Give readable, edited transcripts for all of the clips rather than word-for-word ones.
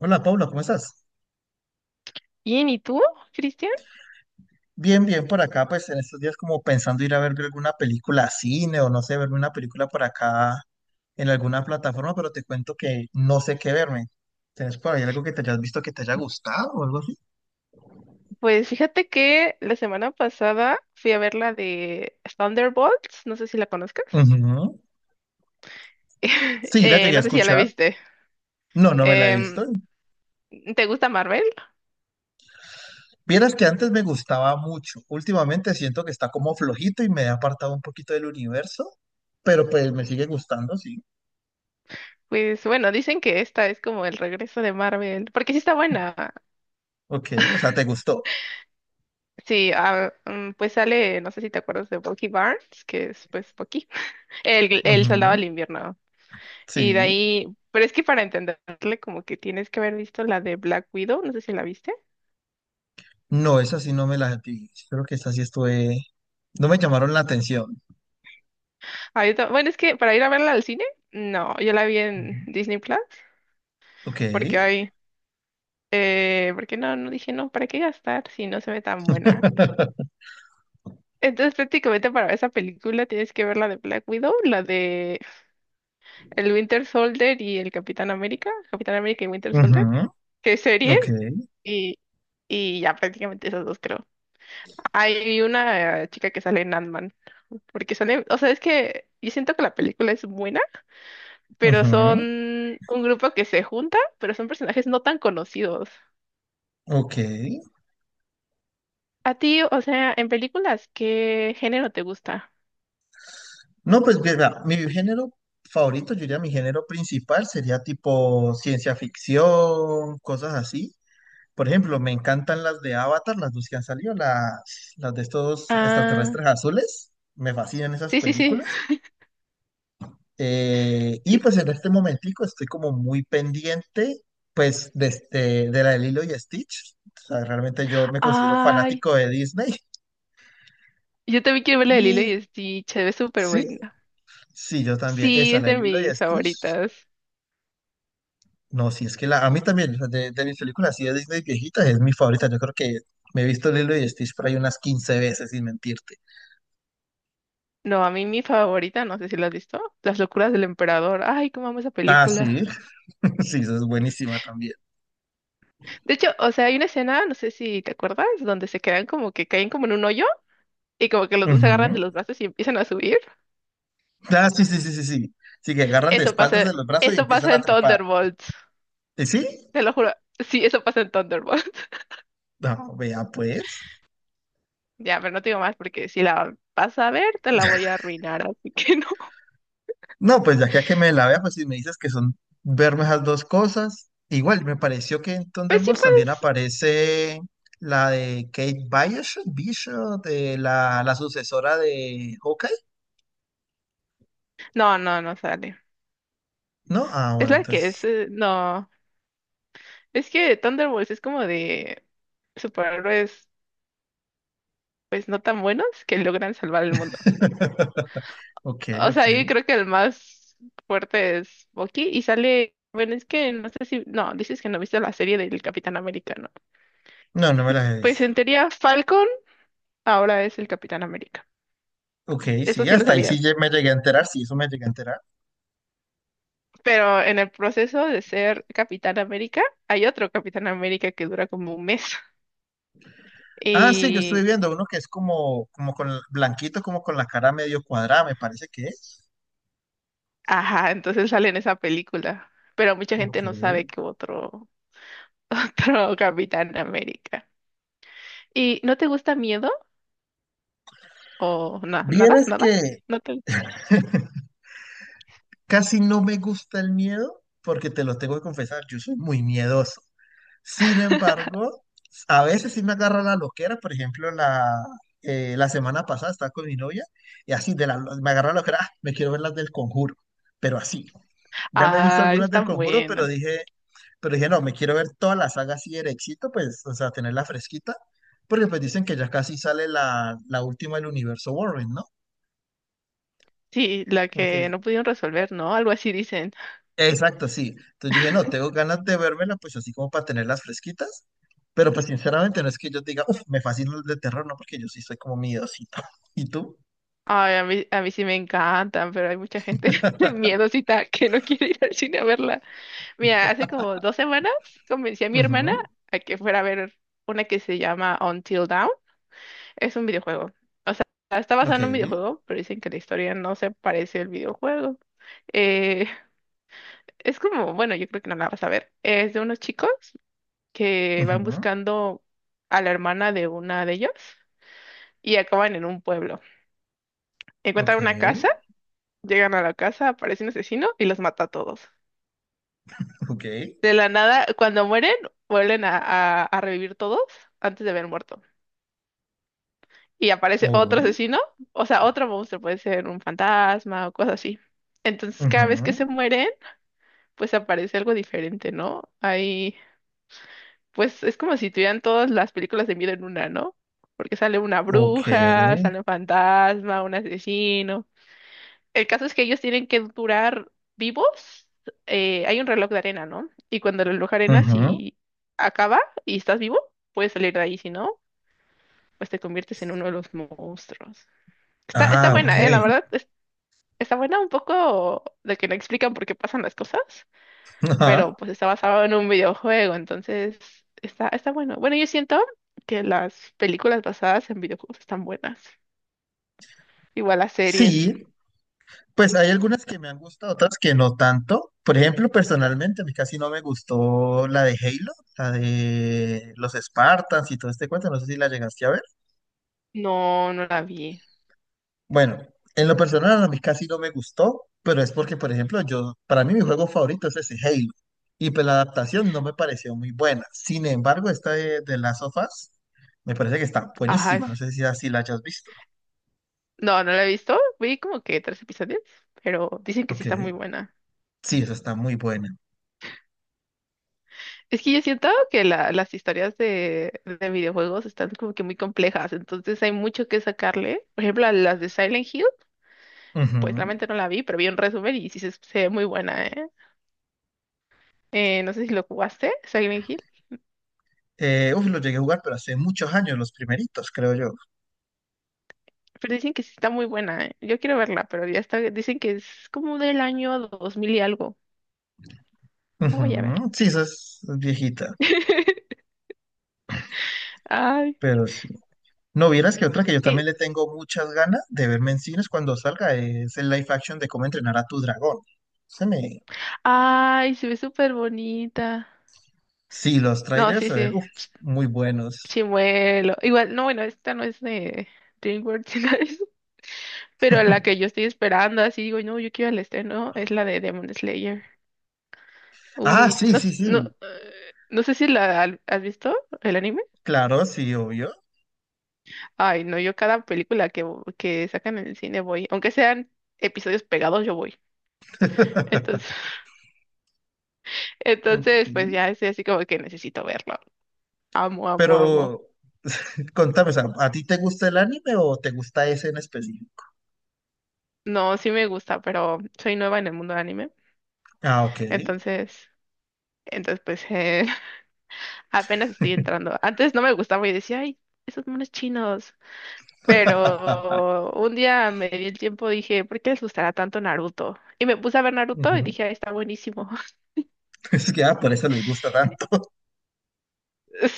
Hola, Paula. ¿Cómo estás? Bien, ¿y tú, Cristian? Bien, bien por acá, pues en estos días como pensando ir a ver alguna película a cine o no sé, verme una película por acá en alguna plataforma, pero te cuento que no sé qué verme. ¿Tienes por ahí algo que te hayas visto que te haya gustado o algo así? Pues fíjate que la semana pasada fui a ver la de Thunderbolts, no sé si la conozcas. Ujú. Sí, la llegué a No sé si ya la escuchar. viste. No, no me la he Em, visto. ¿Te gusta Marvel? Vieras que antes me gustaba mucho. Últimamente siento que está como flojito y me he apartado un poquito del universo, pero pues me sigue gustando, sí. Pues bueno, dicen que esta es como el regreso de Marvel, porque sí está buena. Ok, o sea, te gustó. Sí, ah, pues sale, no sé si te acuerdas de Bucky Barnes, que es pues Bucky, el soldado Ujú. del invierno. Y de Sí. ahí, pero es que para entenderle como que tienes que haber visto la de Black Widow, no sé si la viste. No, esa sí no me la vi. Creo que esa sí estuve. No me llamaron la atención. Ah, bueno, es que para ir a verla al cine, no, yo la vi en Ujú. Disney Plus, Ok. porque hay, porque no, no dije, no, ¿para qué gastar si no se ve tan buena? Entonces, prácticamente para ver esa película tienes que ver la de Black Widow, la de el Winter Soldier y el Capitán América, Capitán América y Winter Soldier, Ujú. que es serie, Ok. y, y ya prácticamente esas dos creo. Hay una chica que sale en Ant-Man, porque sale, o sea, es que yo siento que la película es buena pero son Ujú. un grupo que se junta, pero son personajes no tan conocidos. Ok. A ti, o sea, en películas, ¿qué género te gusta? No, pues mira, mi género favorito, yo diría mi género principal sería tipo ciencia ficción, cosas así. Por ejemplo, me encantan las de Avatar, las dos que han salido, las de estos Ah, extraterrestres azules. Me fascinan esas sí, sí, sí, películas. Y sí. pues en este momentico estoy como muy pendiente pues de la de Lilo y Stitch. O sea, realmente yo me considero Ay, fanático de Disney. yo también quiero ver la de Y Lilo eh, y Stitch, se ve súper sí, buena. sí, yo también. Sí, Esa, es la de de Lilo y mis Stitch. favoritas. No, sí, es que a mí también, o sea, de mis películas así de Disney viejitas, es mi favorita. Yo creo que me he visto Lilo y Stitch por ahí unas 15 veces, sin mentirte. No, a mí mi favorita, no sé si la has visto, Las locuras del emperador. Ay, cómo amo esa Ah, película. sí, sí, esa es buenísima también. De hecho, o sea, hay una escena, no sé si te acuerdas, donde se quedan como que caen como en un hoyo y como que los dos se agarran de Ujú. los brazos y empiezan a subir. Ah, sí, sí, sí, sí, sí. Sí, que agarran de Eso espaldas pasa, de los brazos y eso empiezan pasa a en trepar. Thunderbolts. ¿Y sí? Te lo juro. Sí, eso pasa en Thunderbolts. No, vea pues. Ya, pero no te digo más porque si la vas a ver, te la voy a arruinar, así que no. No, pues ya que a que me la vea, pues si me dices que son verme esas dos cosas, igual me pareció que en Pues sí Thunderbolts también pues. aparece la de Kate Bishop, Bishop, de la sucesora de Hawkeye, No, no, no sale. ¿no? Ah, Es bueno, la que entonces. es. No. Es que Thunderbolts es como de superhéroes, pues no tan buenos que logran salvar el mundo. Ok, O ok. sea, yo creo que el más fuerte es Bucky y sale. Bueno, es que no sé si. No, dices que no viste la serie del Capitán Americano. No, no me las he Pues visto. en teoría, Falcon ahora es el Capitán América. Ok, Eso sí, sí lo hasta ahí sí sabías. Me llegué a enterar, sí, eso me llegué a enterar. Pero en el proceso de ser Capitán América, hay otro Capitán América que dura como un mes. Ah, sí, yo estuve Y, viendo uno que es como con blanquito, como con la cara medio cuadrada, me parece que es. ajá, entonces sale en esa película. Pero mucha Ok. gente no sabe que otro Capitán América. ¿Y no te gusta miedo? ¿O no, nada? Vieras ¿Nada? que ¿No te... casi no me gusta el miedo porque te lo tengo que confesar, yo soy muy miedoso. Sin embargo, a veces sí me agarra la loquera, por ejemplo, la semana pasada estaba con mi novia y así de la, me agarra la loquera, "Ah, me quiero ver las del Conjuro, pero así. Ya me he visto Ah, algunas es del tan Conjuro, pero buena. dije, pero dije, no, me quiero ver toda la saga así de éxito, pues, o sea, tenerla fresquita, porque pues dicen que ya casi sale la última del universo Warren, ¿no? Sí, la Como que que no pudieron resolver, ¿no? Algo así dicen. Exacto, sí. Entonces dije, no, tengo ganas de vérmela, pues así como para tenerlas fresquitas. Pero pues sinceramente no es que yo diga, uff, me fascina el de terror, no, porque yo sí soy como miedosito. ¿Y tú? Ay, a mí sí me encantan, pero hay mucha gente miedosita que no quiere ir al cine a verla. Mira, hace como 2 semanas convencí a mi hermana Ujú. a que fuera a ver una que se llama Until Dawn. Es un videojuego. O sea, está basado Ok. en un videojuego, pero dicen que la historia no se parece al videojuego. Eh, es como, bueno, yo creo que no la vas a ver. Es de unos chicos que van Ujú. buscando a la hermana de una de ellos y acaban en un pueblo. Ok. Encuentran una casa. Llegan a la casa, aparece un asesino y los mata a todos. Ok. De la nada, cuando mueren, vuelven a revivir todos antes de haber muerto. Y aparece otro Uy. asesino, o sea, otro monstruo, puede ser un fantasma o cosas así. Entonces, cada vez que Ujú. se mueren, pues aparece algo diferente, ¿no? Ahí, pues es como si tuvieran todas las películas de miedo en una, ¿no? Porque sale una Ok. bruja, sale un fantasma, un asesino. El caso es que ellos tienen que durar vivos. Hay un reloj de arena, ¿no? Y cuando el reloj de arena, Ujú. si acaba y estás vivo, puedes salir de ahí. Si no, pues te conviertes en uno de los monstruos. Está Ah, ok. buena, ¿eh? La verdad, está buena un poco de que no explican por qué pasan las cosas, Ajá. pero pues está basado en un videojuego, entonces está bueno. Bueno, yo siento que las películas basadas en videojuegos están buenas. Igual las series. Sí, pues hay algunas que me han gustado, otras que no tanto. Por ejemplo, personalmente, a mí casi no me gustó la de Halo, la de los Spartans y todo este cuento. No sé si la llegaste a ver. No, no la vi. Bueno, en lo personal a mí casi no me gustó, pero es porque, por ejemplo, yo, para mí mi juego favorito es ese Halo. Y pues la adaptación no me pareció muy buena. Sin embargo, esta de Last of Us me parece que está Ajá. buenísima. No sé si así la hayas visto. No, no la he visto. Vi como que tres episodios, pero dicen que sí Ok. está muy buena. Sí, esa está muy buena. Es que yo siento que las historias de videojuegos están como que muy complejas, entonces hay mucho que sacarle. Por ejemplo, a las de Silent Hill, pues Ujú. realmente no la vi, pero vi un resumen y sí se ve muy buena, ¿eh? No sé si lo jugaste, Silent Hill, Uf, lo llegué a jugar, pero hace muchos años, los primeritos, creo yo. pero dicen que sí está muy buena, ¿eh? Yo quiero verla, pero ya está, dicen que es como del año 2000 y algo. La voy a ver. Ujú, sí, esa es viejita, Ay, pero sí. No vieras que otra que yo y- también le tengo muchas ganas de verme en cines cuando salga es el live action de cómo entrenar a tu dragón. Se me... ay, se ve súper bonita. Sí, los No, trailers, sí, a ver, sí. uf, muy buenos. Chimuelo. Igual, no, bueno, esta no es de DreamWorks, sino es-. Pero la que yo estoy esperando, así digo, no, yo quiero el estreno, es la de Demon Slayer. Ah, Uy, sí, no, sí, no, sí. No sé si has visto el anime. Claro, sí, obvio. Ay, no, yo cada película que sacan en el cine voy. Aunque sean episodios pegados, yo voy. Entonces, Ok. entonces, pues ya es así como que necesito verlo. Amo, amo, Pero amo. contame, o sea, ¿a ti te gusta el anime o te gusta ese en específico? No, sí me gusta, pero soy nueva en el mundo del anime. Ah, ok. Entonces, entonces pues... apenas estoy entrando. Antes no me gustaba y decía, ay, esos monos chinos. Pero un día me di el tiempo, dije, ¿por qué les gustará tanto Naruto? Y me puse a ver Naruto y Ujú. dije, ay, está buenísimo. Es que por eso les gusta tanto.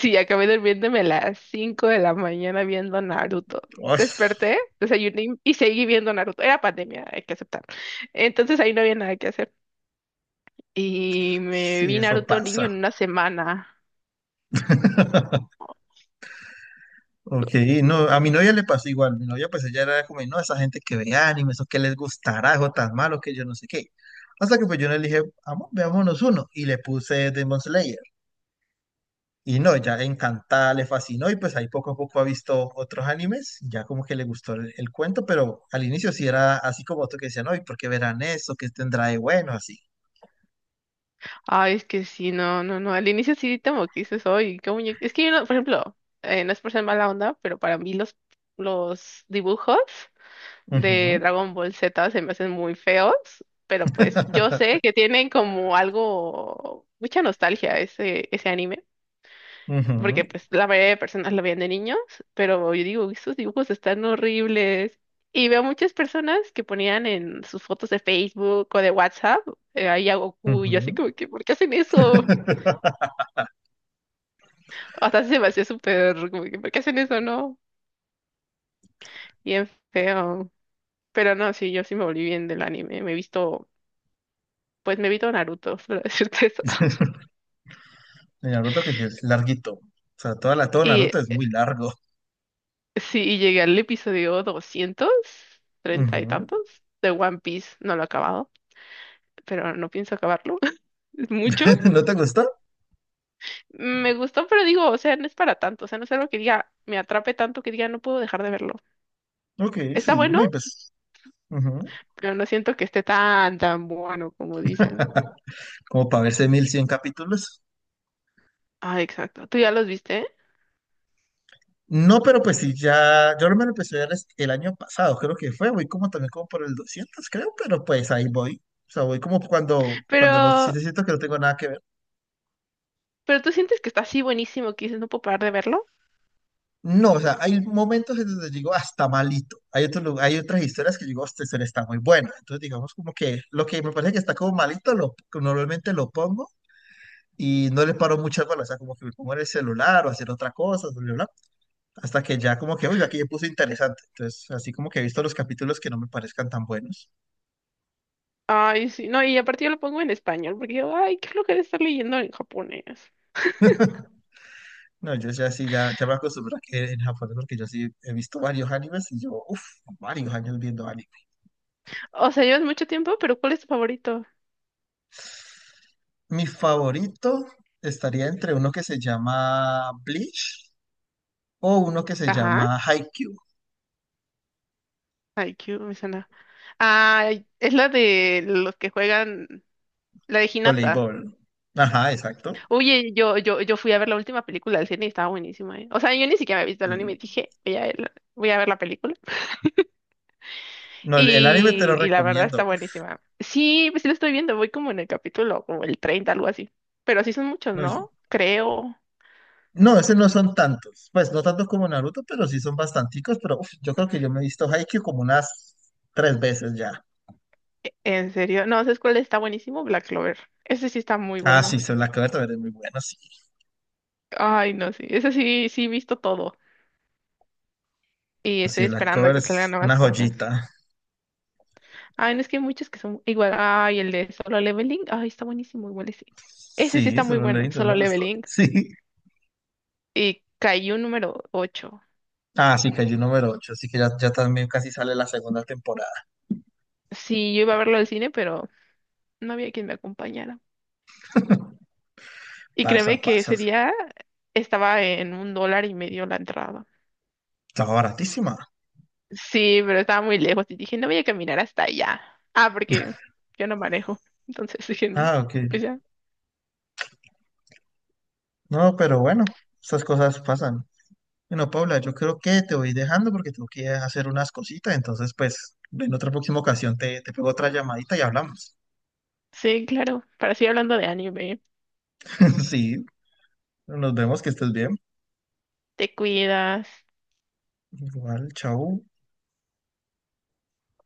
Sí, acabé durmiéndome a las 5 de la mañana viendo Naruto. Ay, Desperté, desayuné y seguí viendo Naruto. Era pandemia, hay que aceptar. Entonces ahí no había nada que hacer. Y me sí, vi eso Naruto pasa. niño en una semana. Ok, no, a mi novia le pasó igual. Mi novia, pues ella era como, no, esa gente que ve anime, eso que les gustará, o tan malo que yo no sé qué. Hasta que pues yo le dije, vamos, veámonos uno. Y le puse Demon Slayer. Y no, ya encantada, le fascinó. Y pues ahí poco a poco ha visto otros animes. Ya como que le gustó el cuento, pero al inicio sí era así como otro que decía, no, ¿y por qué verán eso? ¿Qué tendrá de bueno? Así. Ay, es que sí, no, no, no. Al inicio sí como que dices, oye, qué muñeco. Es que yo, por ejemplo, no es por ser mala onda, pero para mí los dibujos de Ujú. Dragon Ball Z se me hacen muy feos, pero pues yo sé que tienen como algo, mucha nostalgia ese anime, Ujú. porque pues la mayoría de personas lo veían de niños, pero yo digo, estos dibujos están horribles. Y veo muchas personas que ponían en sus fotos de Facebook o de WhatsApp ahí a Goku, y yo así Ujú. como que, ¿por qué hacen eso? Hasta se me hacía súper, como que, ¿por qué hacen eso, no? Bien feo. Pero no, sí, yo sí me volví bien del anime. Pues me he visto Naruto, para decirte eso. De Naruto que sí es larguito. O sea, todo Y Naruto es muy largo. sí, y llegué al episodio doscientos treinta y Ujú. tantos, de One Piece. No lo he acabado, pero no pienso acabarlo. Es mucho. ¿No te gustó? Me gustó, pero digo, o sea, no es para tanto. O sea, no es algo que diga, me atrape tanto que diga, no puedo dejar de verlo. Ok, Está sí, bueno, no, y pues. Ujú. pero no siento que esté tan, tan bueno como dicen. Como para verse 1.100 capítulos. Ah, exacto. ¿Tú ya los viste? No, pero pues sí, ya. Yo me lo empecé a ver el año pasado, creo que fue. Voy como también como por el 200 creo, pero pues ahí voy. O sea, voy como cuando no sí Pero sí siento que no tengo nada que ver. Pero tú sientes que está así buenísimo que dices, no puedo parar de verlo. No, o sea, hay momentos en donde digo hasta malito. Hay otras historias que digo, esta historia está muy buena. Entonces, digamos como que lo que me parece que está como malito, normalmente lo pongo y no le paro muchas bolas. O sea, como que me pongo en el celular o hacer otra cosa, bla, bla, bla, hasta que ya como que, uy, aquí ya puse interesante. Entonces, así como que he visto los capítulos que no me parezcan tan buenos. Ay, sí, no, y aparte yo lo pongo en español, porque yo, ay, qué lo que estar leyendo en japonés. No, yo ya sí, ya me acostumbro a que en japonés, porque yo sí he visto varios animes y yo, uff, varios años viendo anime. O sea, llevas mucho tiempo, pero ¿cuál es tu favorito? Mi favorito estaría entre uno que se llama Bleach o uno que se Ajá, llama Haikyuu, IQ, me suena. Ah, es la de los que juegan, la de Hinata. voleibol. Ajá, exacto. Oye, yo fui a ver la última película del cine y estaba buenísima, ¿eh? O sea, yo ni siquiera había visto el anime y Eh, dije, voy a ver la película. No el anime te Y, lo y la verdad está recomiendo. Uf, buenísima. Sí, pues sí lo estoy viendo, voy como en el capítulo, como el 30 algo así. Pero sí son muchos, no, ¿no? Creo. no, ese no son tantos. Pues no tantos como Naruto, pero sí son bastanticos. Pero uf, yo creo que yo me he visto Haikyuu como unas 3 veces ya. En serio. No, ¿sabes cuál está buenísimo? Black Clover. Ese sí está muy Ah, sí, bueno. Soul Cover también es muy bueno, sí. Ay, no, sí. Ese sí, sí he visto todo. Y Sí, estoy Black esperando a Cover que salgan es una nuevas cosas. joyita. Ay, no es que hay muchos que son igual. Ay, el de Solo Leveling. Ay, está buenísimo, igual ese. Ese sí Sí, está se muy lo leí, bueno, entonces Solo me gustó. Leveling. Sí. Y cayó número ocho. Ah, sí, cayó número 8 así que ya también casi sale la segunda temporada. Sí, yo iba a verlo al cine, pero no había quien me acompañara. Y créeme Pasa, que ese pasas. día estaba en un dólar y medio la entrada. Estaba baratísima. Sí, pero estaba muy lejos y dije, no voy a caminar hasta allá. Ah, porque yo no manejo. Entonces dije, "No, Ah, ok. pues Ok. ya". No, pero bueno, estas cosas pasan. Bueno, Paula, yo creo que te voy dejando porque tengo que hacer unas cositas. Entonces, pues, en otra próxima ocasión te pego otra llamadita y hablamos. Sí, claro. Para seguir hablando de anime, Sí, nos vemos, que estés bien. te cuidas. Igual, chau.